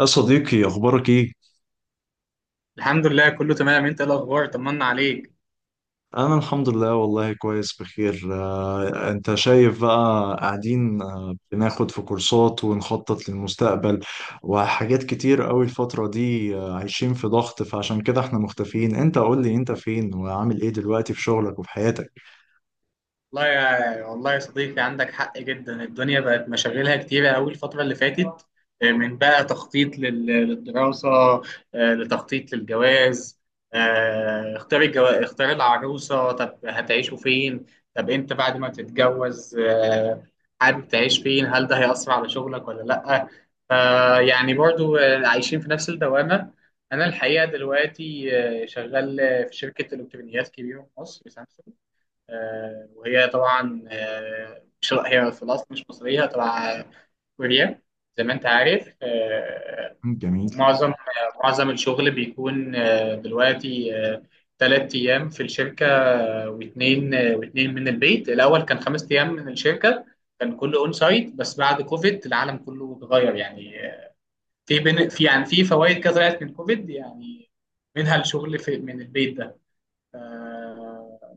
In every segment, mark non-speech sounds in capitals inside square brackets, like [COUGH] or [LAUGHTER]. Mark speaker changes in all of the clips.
Speaker 1: يا صديقي أخبارك إيه؟
Speaker 2: الحمد لله، كله تمام. انت ايه الاخبار؟ طمنا عليك.
Speaker 1: أنا الحمد لله والله كويس بخير. أنت شايف بقى قاعدين بناخد في كورسات ونخطط للمستقبل وحاجات كتير أوي الفترة دي. عايشين في ضغط، فعشان كده إحنا مختفيين. أنت قول لي أنت فين وعامل إيه دلوقتي في شغلك وفي حياتك؟
Speaker 2: والله يا صديقي عندك حق جدا. الدنيا بقت مشاغلها كتيرة أوي الفترة اللي فاتت. من بقى تخطيط للدراسة، لتخطيط للجواز، اختار العروسة. طب هتعيشوا فين؟ طب أنت بعد ما تتجوز حابب تعيش فين؟ هل ده هيأثر على شغلك ولا لأ؟ يعني برضو عايشين في نفس الدوامة. أنا الحقيقة دلوقتي شغال في شركة إلكترونيات كبيرة في مصر، سامسونج. آه، وهي طبعا آه، مش هي في الأصل مش مصرية، تبع كوريا، زي ما أنت عارف.
Speaker 1: جميل.
Speaker 2: ومعظم معظم الشغل بيكون دلوقتي 3 أيام في الشركة واتنين، واتنين من البيت. الأول كان 5 أيام من الشركة، كان كله أون سايت، بس بعد كوفيد العالم كله اتغير يعني. آه، في بن... في يعني في فوائد كده طلعت من كوفيد يعني، منها الشغل في من البيت ده. آه،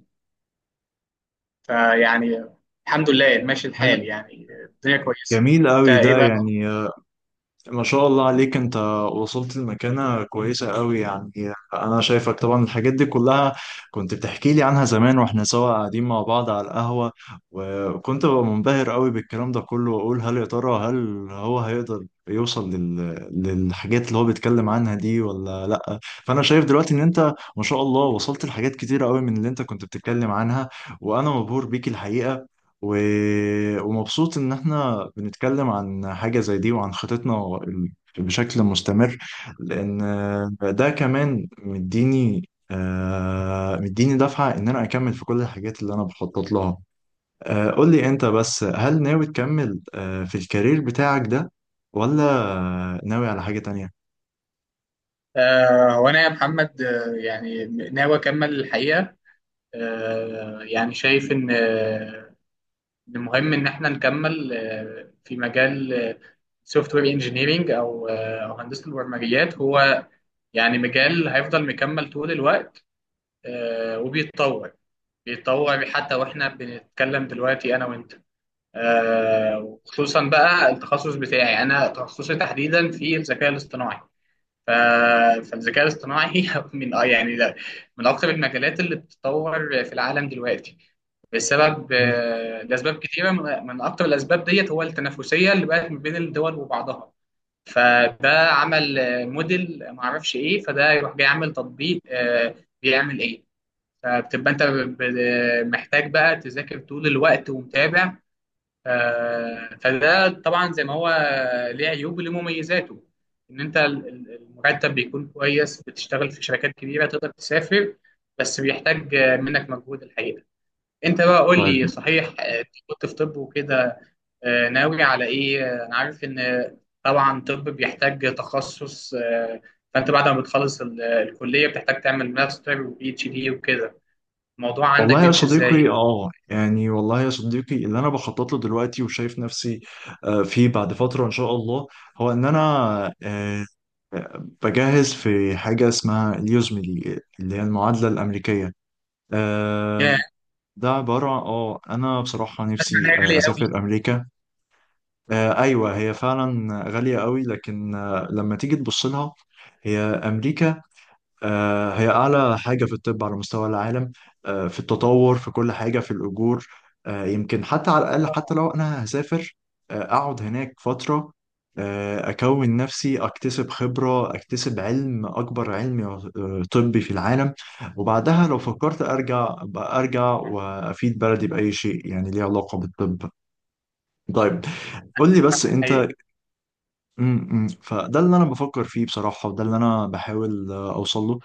Speaker 2: فيعني الحمد لله ماشي
Speaker 1: حلو.
Speaker 2: الحال يعني، الدنيا كويسه.
Speaker 1: جميل
Speaker 2: انت
Speaker 1: أوي
Speaker 2: ايه
Speaker 1: ده،
Speaker 2: بقى؟
Speaker 1: يعني ما شاء الله عليك، انت وصلت لمكانة كويسة قوي يعني. انا شايفك طبعا الحاجات دي كلها، كنت بتحكي لي عنها زمان واحنا سوا قاعدين مع بعض على القهوة، وكنت ببقى منبهر قوي بالكلام ده كله، واقول هل يا ترى هو هيقدر يوصل للحاجات اللي هو بيتكلم عنها دي ولا لا. فانا شايف دلوقتي ان انت ما شاء الله وصلت لحاجات كتيرة قوي من اللي انت كنت بتتكلم عنها، وانا مبهور بيك الحقيقة. و... ومبسوط إن إحنا بنتكلم عن حاجة زي دي وعن خطتنا بشكل مستمر، لأن ده كمان مديني دفعة إن أنا أكمل في كل الحاجات اللي أنا بخطط لها. قول لي أنت بس، هل ناوي تكمل في الكارير بتاعك ده ولا ناوي على حاجة تانية؟
Speaker 2: هو انا يا محمد ناوي اكمل الحقيقه. شايف ان إن مهم ان احنا نكمل آه في مجال سوفت وير انجينيرنج او هندسه البرمجيات. هو يعني مجال هيفضل مكمل طول الوقت آه وبيتطور، بيتطور حتى واحنا بنتكلم دلوقتي انا وانت. وخصوصا بقى التخصص بتاعي، انا تخصصي تحديدا في الذكاء الاصطناعي. ف- فالذكاء الاصطناعي [LAUGHS] من من اكثر المجالات اللي بتتطور في العالم دلوقتي بسبب
Speaker 1: مم.
Speaker 2: لاسباب كتيره. من اكثر الاسباب ديت هو التنافسيه اللي بقت ما بين الدول وبعضها. فده عمل موديل ما اعرفش ايه، فده يروح جاي عامل تطبيق بيعمل ايه. فبتبقى انت محتاج بقى تذاكر طول الوقت ومتابع. فده طبعا زي ما هو ليه عيوب وليه مميزاته. ان انت المرتب بيكون كويس، بتشتغل في شركات كبيره، تقدر تسافر، بس بيحتاج منك مجهود الحقيقه. انت بقى قول لي،
Speaker 1: طيب.
Speaker 2: صحيح أنت كنت في طب وكده، ناوي على ايه؟ انا عارف ان طبعا طب بيحتاج تخصص. فانت بعد ما بتخلص الكليه، بتحتاج تعمل ماستر وبي اتش دي وكده. الموضوع عندك بيمشي ازاي؟
Speaker 1: والله يا صديقي اللي انا بخطط له دلوقتي وشايف نفسي فيه بعد فترة ان شاء الله، هو ان انا آه، بجهز في حاجة اسمها اليوزملي، اللي هي المعادلة الأمريكية. آه،
Speaker 2: يا،
Speaker 1: ده عبارة اه، انا بصراحة
Speaker 2: اسمع
Speaker 1: نفسي
Speaker 2: انها غاليه قوي.
Speaker 1: اسافر امريكا. ايوه هي فعلا غالية قوي، لكن لما تيجي تبص لها، هي امريكا هي أعلى حاجة في الطب على مستوى العالم. في التطور، في كل حاجة، في الأجور. يمكن حتى، على الأقل، حتى لو أنا هسافر أقعد هناك فترة، أكون نفسي أكتسب خبرة، أكتسب علم، أكبر علم طبي في العالم. وبعدها لو فكرت أرجع، أبقى أرجع وأفيد بلدي بأي شيء يعني ليه علاقة بالطب. طيب قول لي بس أنت، فده اللي أنا بفكر فيه بصراحة، وده اللي أنا بحاول أوصله.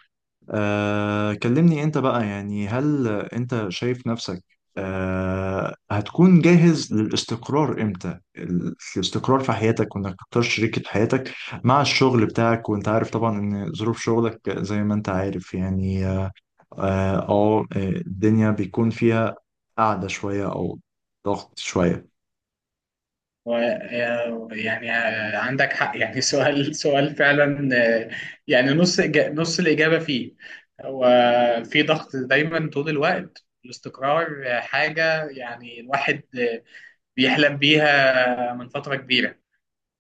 Speaker 1: كلمني انت بقى، يعني هل انت شايف نفسك هتكون جاهز للاستقرار امتى؟ الاستقرار في حياتك وانك تختار شريكة حياتك مع الشغل بتاعك، وانت عارف طبعا ان ظروف شغلك زي ما انت عارف يعني اه، الدنيا بيكون فيها قعدة شوية او ضغط شوية.
Speaker 2: يعني عندك حق يعني، سؤال فعلا يعني نص نص الإجابة فيه. هو في ضغط دايما طول الوقت. الاستقرار حاجة يعني الواحد بيحلم بيها من فترة كبيرة،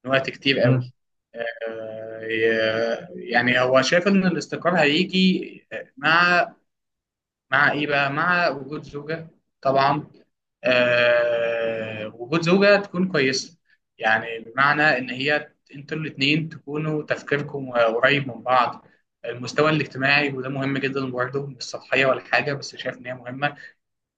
Speaker 2: من وقت كتير
Speaker 1: مم.
Speaker 2: قوي. يعني هو شايف إن الاستقرار هيجي مع مع ايه بقى، مع وجود زوجة طبعا، آه وجود زوجة تكون كويسة. يعني بمعنى ان هي انتوا الاتنين تكونوا تفكيركم قريب من بعض. المستوى الاجتماعي وده مهم جدا برضه، مش سطحية ولا حاجة بس شايف ان هي مهمة.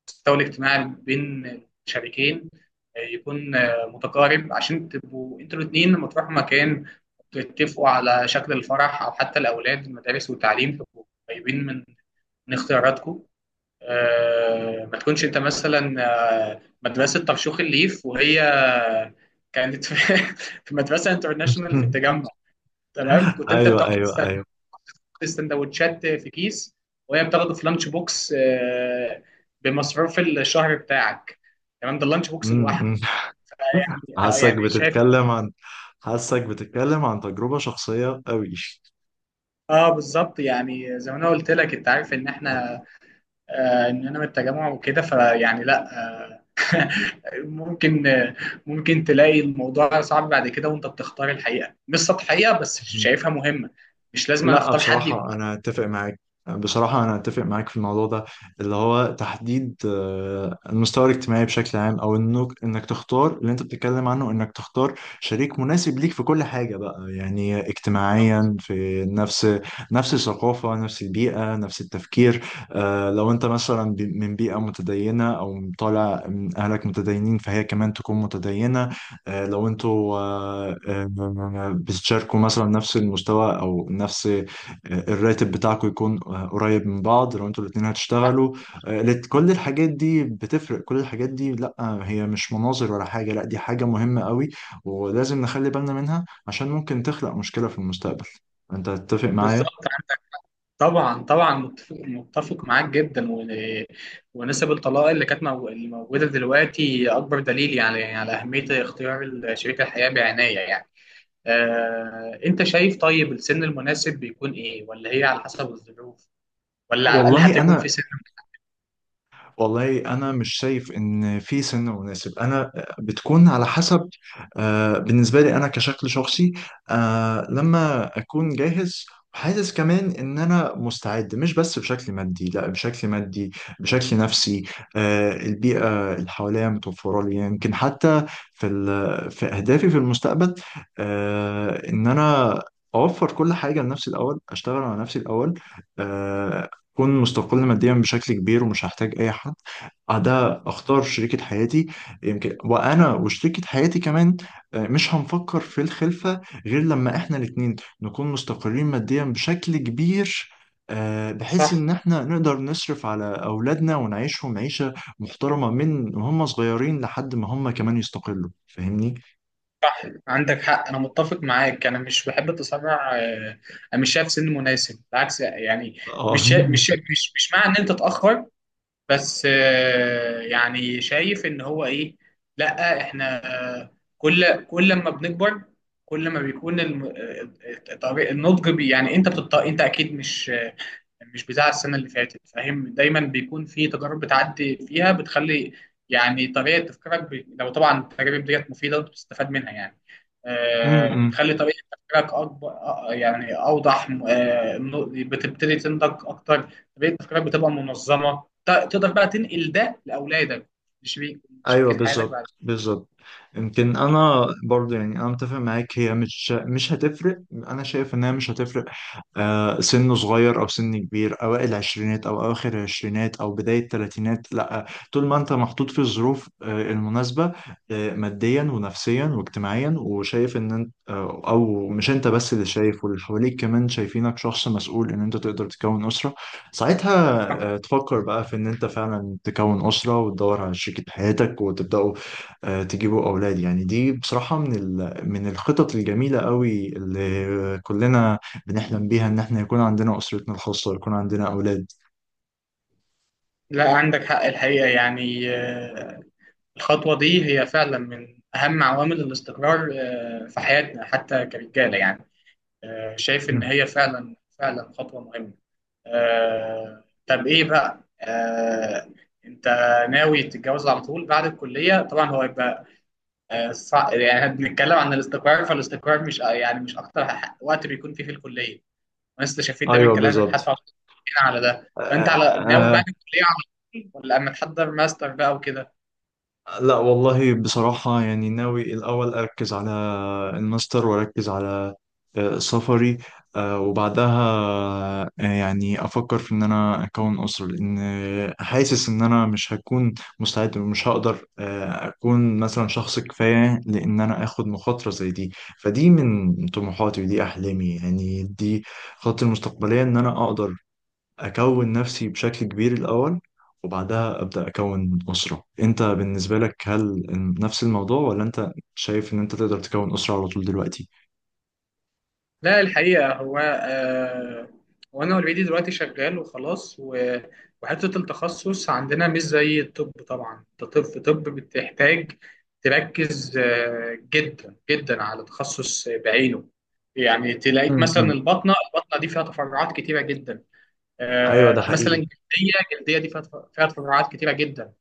Speaker 2: المستوى الاجتماعي بين الشريكين يكون متقارب، عشان تبقوا انتوا الاتنين لما تروحوا مكان تتفقوا على شكل الفرح، او حتى الاولاد، المدارس والتعليم، تبقوا قريبين من من اختياراتكم. ما تكونش انت مثلا مدرسة طرشوخ الليف وهي كانت في [LAUGHS] في مدرسة انترناشونال في
Speaker 1: [LAUGHS]
Speaker 2: التجمع. تمام؟ كنت انت
Speaker 1: ايوه،
Speaker 2: بتاخد
Speaker 1: ايوه، ايوه.
Speaker 2: السندوتشات في كيس وهي بتاخده في لانش بوكس بمصروف الشهر بتاعك. تمام، ده اللانش بوكس
Speaker 1: م- م.
Speaker 2: لوحده.
Speaker 1: [LAUGHS]
Speaker 2: يعني
Speaker 1: حاسك
Speaker 2: يعني شايف.
Speaker 1: بتتكلم عن حاسك بتتكلم عن تجربة شخصية قوي.
Speaker 2: اه بالظبط، يعني زي ما انا قلت لك، انت عارف ان احنا ان انا من التجمع وكده. فيعني لا آه، [LAUGHS] ممكن آه، ممكن تلاقي الموضوع صعب بعد كده وانت بتختار الحقيقه. مش سطحيه بس
Speaker 1: مم.
Speaker 2: شايفها مهمه. مش لازم أنا
Speaker 1: لا
Speaker 2: اختار حد يكون
Speaker 1: بصراحة أنا أتفق معاك، بصراحة أنا أتفق معاك في الموضوع ده، اللي هو تحديد المستوى الاجتماعي بشكل عام، أو إنك تختار اللي أنت بتتكلم عنه، إنك تختار شريك مناسب ليك في كل حاجة بقى، يعني اجتماعيا في نفس الثقافة، نفس البيئة، نفس التفكير. لو أنت مثلا من بيئة متدينة أو طالع من أهلك متدينين، فهي كمان تكون متدينة. لو انتوا بتشاركوا مثلا نفس المستوى او نفس الراتب بتاعكم يكون قريب من بعض لو انتوا الاتنين
Speaker 2: صح.
Speaker 1: هتشتغلوا. كل الحاجات دي بتفرق، كل الحاجات دي لا، هي مش مناظر ولا حاجة، لا دي حاجة مهمة قوي، ولازم نخلي بالنا منها عشان ممكن تخلق مشكلة في المستقبل. انت تتفق معايا؟
Speaker 2: بالظبط، طبعا طبعا، متفق معاك جدا. ونسب الطلاق اللي موجوده دلوقتي اكبر دليل يعني على اهميه اختيار شريك الحياه بعنايه يعني. انت شايف طيب السن المناسب بيكون ايه، ولا هي على حسب الظروف، ولا على الاقل حتى
Speaker 1: والله
Speaker 2: يكون
Speaker 1: انا
Speaker 2: في سن
Speaker 1: والله انا مش شايف ان في سن مناسب، انا بتكون على حسب. بالنسبه لي انا كشكل شخصي، لما اكون جاهز وحاسس كمان ان انا مستعد، مش بس بشكل مادي، لا بشكل مادي بشكل نفسي، البيئه اللي حواليا متوفره لي، يمكن حتى في في اهدافي في المستقبل. ان انا اوفر كل حاجه لنفسي الاول، اشتغل على نفسي الاول، اكون مستقل ماديا بشكل كبير، ومش هحتاج اي حد ده اختار شريكة حياتي. يمكن وانا وشريكة حياتي كمان مش هنفكر في الخلفة غير لما احنا الاتنين نكون مستقرين ماديا بشكل كبير، بحيث
Speaker 2: صح؟
Speaker 1: ان احنا نقدر نصرف على اولادنا ونعيشهم عيشة محترمة من هم صغيرين لحد ما هم كمان يستقلوا. فاهمني؟
Speaker 2: عندك حق، انا متفق معاك، انا مش بحب التسرع. انا مش شايف سن مناسب بالعكس يعني.
Speaker 1: اه.
Speaker 2: مش شا- مش شا- مش مش مع ان انت تتاخر، بس يعني شايف ان هو ايه، لا احنا كل كل لما بنكبر، كل ما بيكون النضج يعني انت انت اكيد مش بتاع السنة اللي فاتت، فاهم؟ دايما بيكون في تجارب بتعدي فيها بتخلي يعني طريقة تفكيرك لو طبعا التجارب ديت مفيدة وانت بتستفاد منها يعني
Speaker 1: امم.
Speaker 2: بتخلي طريقة تفكيرك أكبر، يعني أوضح، بتبتدي تنضج أكتر. طريقة تفكيرك بتبقى منظمة، تقدر بقى تنقل ده لأولادك، لشريك
Speaker 1: ايوه،
Speaker 2: شريكة حياتك بعد
Speaker 1: بالظبط بالظبط. يمكن انا برضه يعني انا متفق معاك، هي مش هتفرق، انا شايف انها مش هتفرق. سنه صغير او سن كبير، اوائل العشرينات او اواخر العشرينات او بدايه الثلاثينات، لا. طول ما انت محطوط في الظروف المناسبه، ماديا ونفسيا واجتماعيا، وشايف ان انت او مش انت بس اللي شايف، واللي حواليك كمان شايفينك شخص مسؤول ان انت تقدر تكون اسره، ساعتها
Speaker 2: كده.
Speaker 1: تفكر بقى في ان انت فعلا تكون اسره، وتدور على شريكة حياتك، وتبداوا تجيبوا اولاد. يعني دي بصراحه من من الخطط الجميله قوي اللي كلنا بنحلم بيها، ان احنا يكون عندنا اسرتنا الخاصه ويكون عندنا اولاد.
Speaker 2: لا عندك حق الحقيقة يعني الخطوة دي هي فعلا من أهم عوامل الاستقرار في حياتنا، حتى كرجالة يعني. شايف إن
Speaker 1: مم.
Speaker 2: هي فعلا، فعلا خطوة مهمة. طب إيه بقى؟ أنت ناوي تتجوز على طول بعد الكلية؟ طبعا هو يبقى يعني بنتكلم عن الاستقرار، فالاستقرار مش يعني مش أكتر وقت بيكون فيه في الكلية، وأنا استشفيت ده من
Speaker 1: ايوه
Speaker 2: كلامك حتى
Speaker 1: بالظبط.
Speaker 2: على على ده.
Speaker 1: آه
Speaker 2: فأنت على ناوي بعد
Speaker 1: آه.
Speaker 2: الكلية على طول، ولا أما تحضر ماستر بقى وكده؟
Speaker 1: لا والله بصراحه يعني ناوي الاول اركز على الماستر، واركز على سفري، وبعدها يعني افكر في ان انا اكون اسره، لان حاسس ان انا مش هكون مستعد، ومش هقدر اكون مثلا شخص كفايه لان انا اخد مخاطره زي دي. فدي من طموحاتي ودي احلامي، يعني دي خطتي المستقبليه، ان انا اقدر أكون نفسي بشكل كبير الأول، وبعدها أبدأ أكون أسرة. أنت بالنسبة لك هل نفس الموضوع، ولا أنت شايف إن أنت تقدر تكون أسرة على طول دلوقتي؟
Speaker 2: لا الحقيقة هو آه، وأنا أوريدي دلوقتي شغال وخلاص وحتة التخصص عندنا مش زي الطب طبعا. أنت طب بتحتاج تركز آه جدا جدا على تخصص بعينه، يعني تلاقيك مثلا
Speaker 1: امم.
Speaker 2: البطنة، البطنة دي فيها تفرعات كتيرة جدا،
Speaker 1: ايوه ده
Speaker 2: آه مثلا
Speaker 1: حقيقي.
Speaker 2: جلدية، جلدية دي فيها فيها تفرعات كتيرة جدا.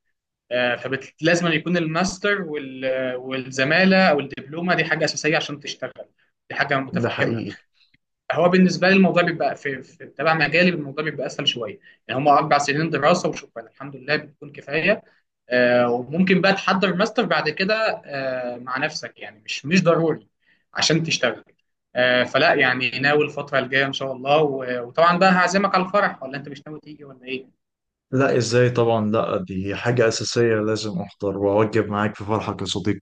Speaker 2: آه فلازم يكون الماستر والزمالة أو الدبلومة، دي حاجة أساسية عشان تشتغل، دي حاجة
Speaker 1: ده
Speaker 2: متفهمة.
Speaker 1: حقيقي.
Speaker 2: هو بالنسبه لي الموضوع بيبقى في تبع مجالي، الموضوع بيبقى اسهل شويه، يعني هم 4 سنين دراسه وشكرا الحمد لله بتكون كفايه. آه وممكن بقى تحضر ماستر بعد كده آه مع نفسك، يعني مش ضروري عشان تشتغل. فلا يعني ناوي الفتره الجايه ان شاء الله. وطبعا بقى هعزمك على الفرح، ولا انت مش ناوي تيجي ولا ايه؟
Speaker 1: لا ازاي طبعا، لا دي حاجة أساسية، لازم أحضر وأوجب معاك في فرحك يا صديقي.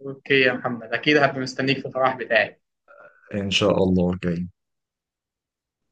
Speaker 2: اوكي يا محمد، اكيد هبقى مستنيك في الفرح بتاعي.
Speaker 1: إن شاء الله جاي.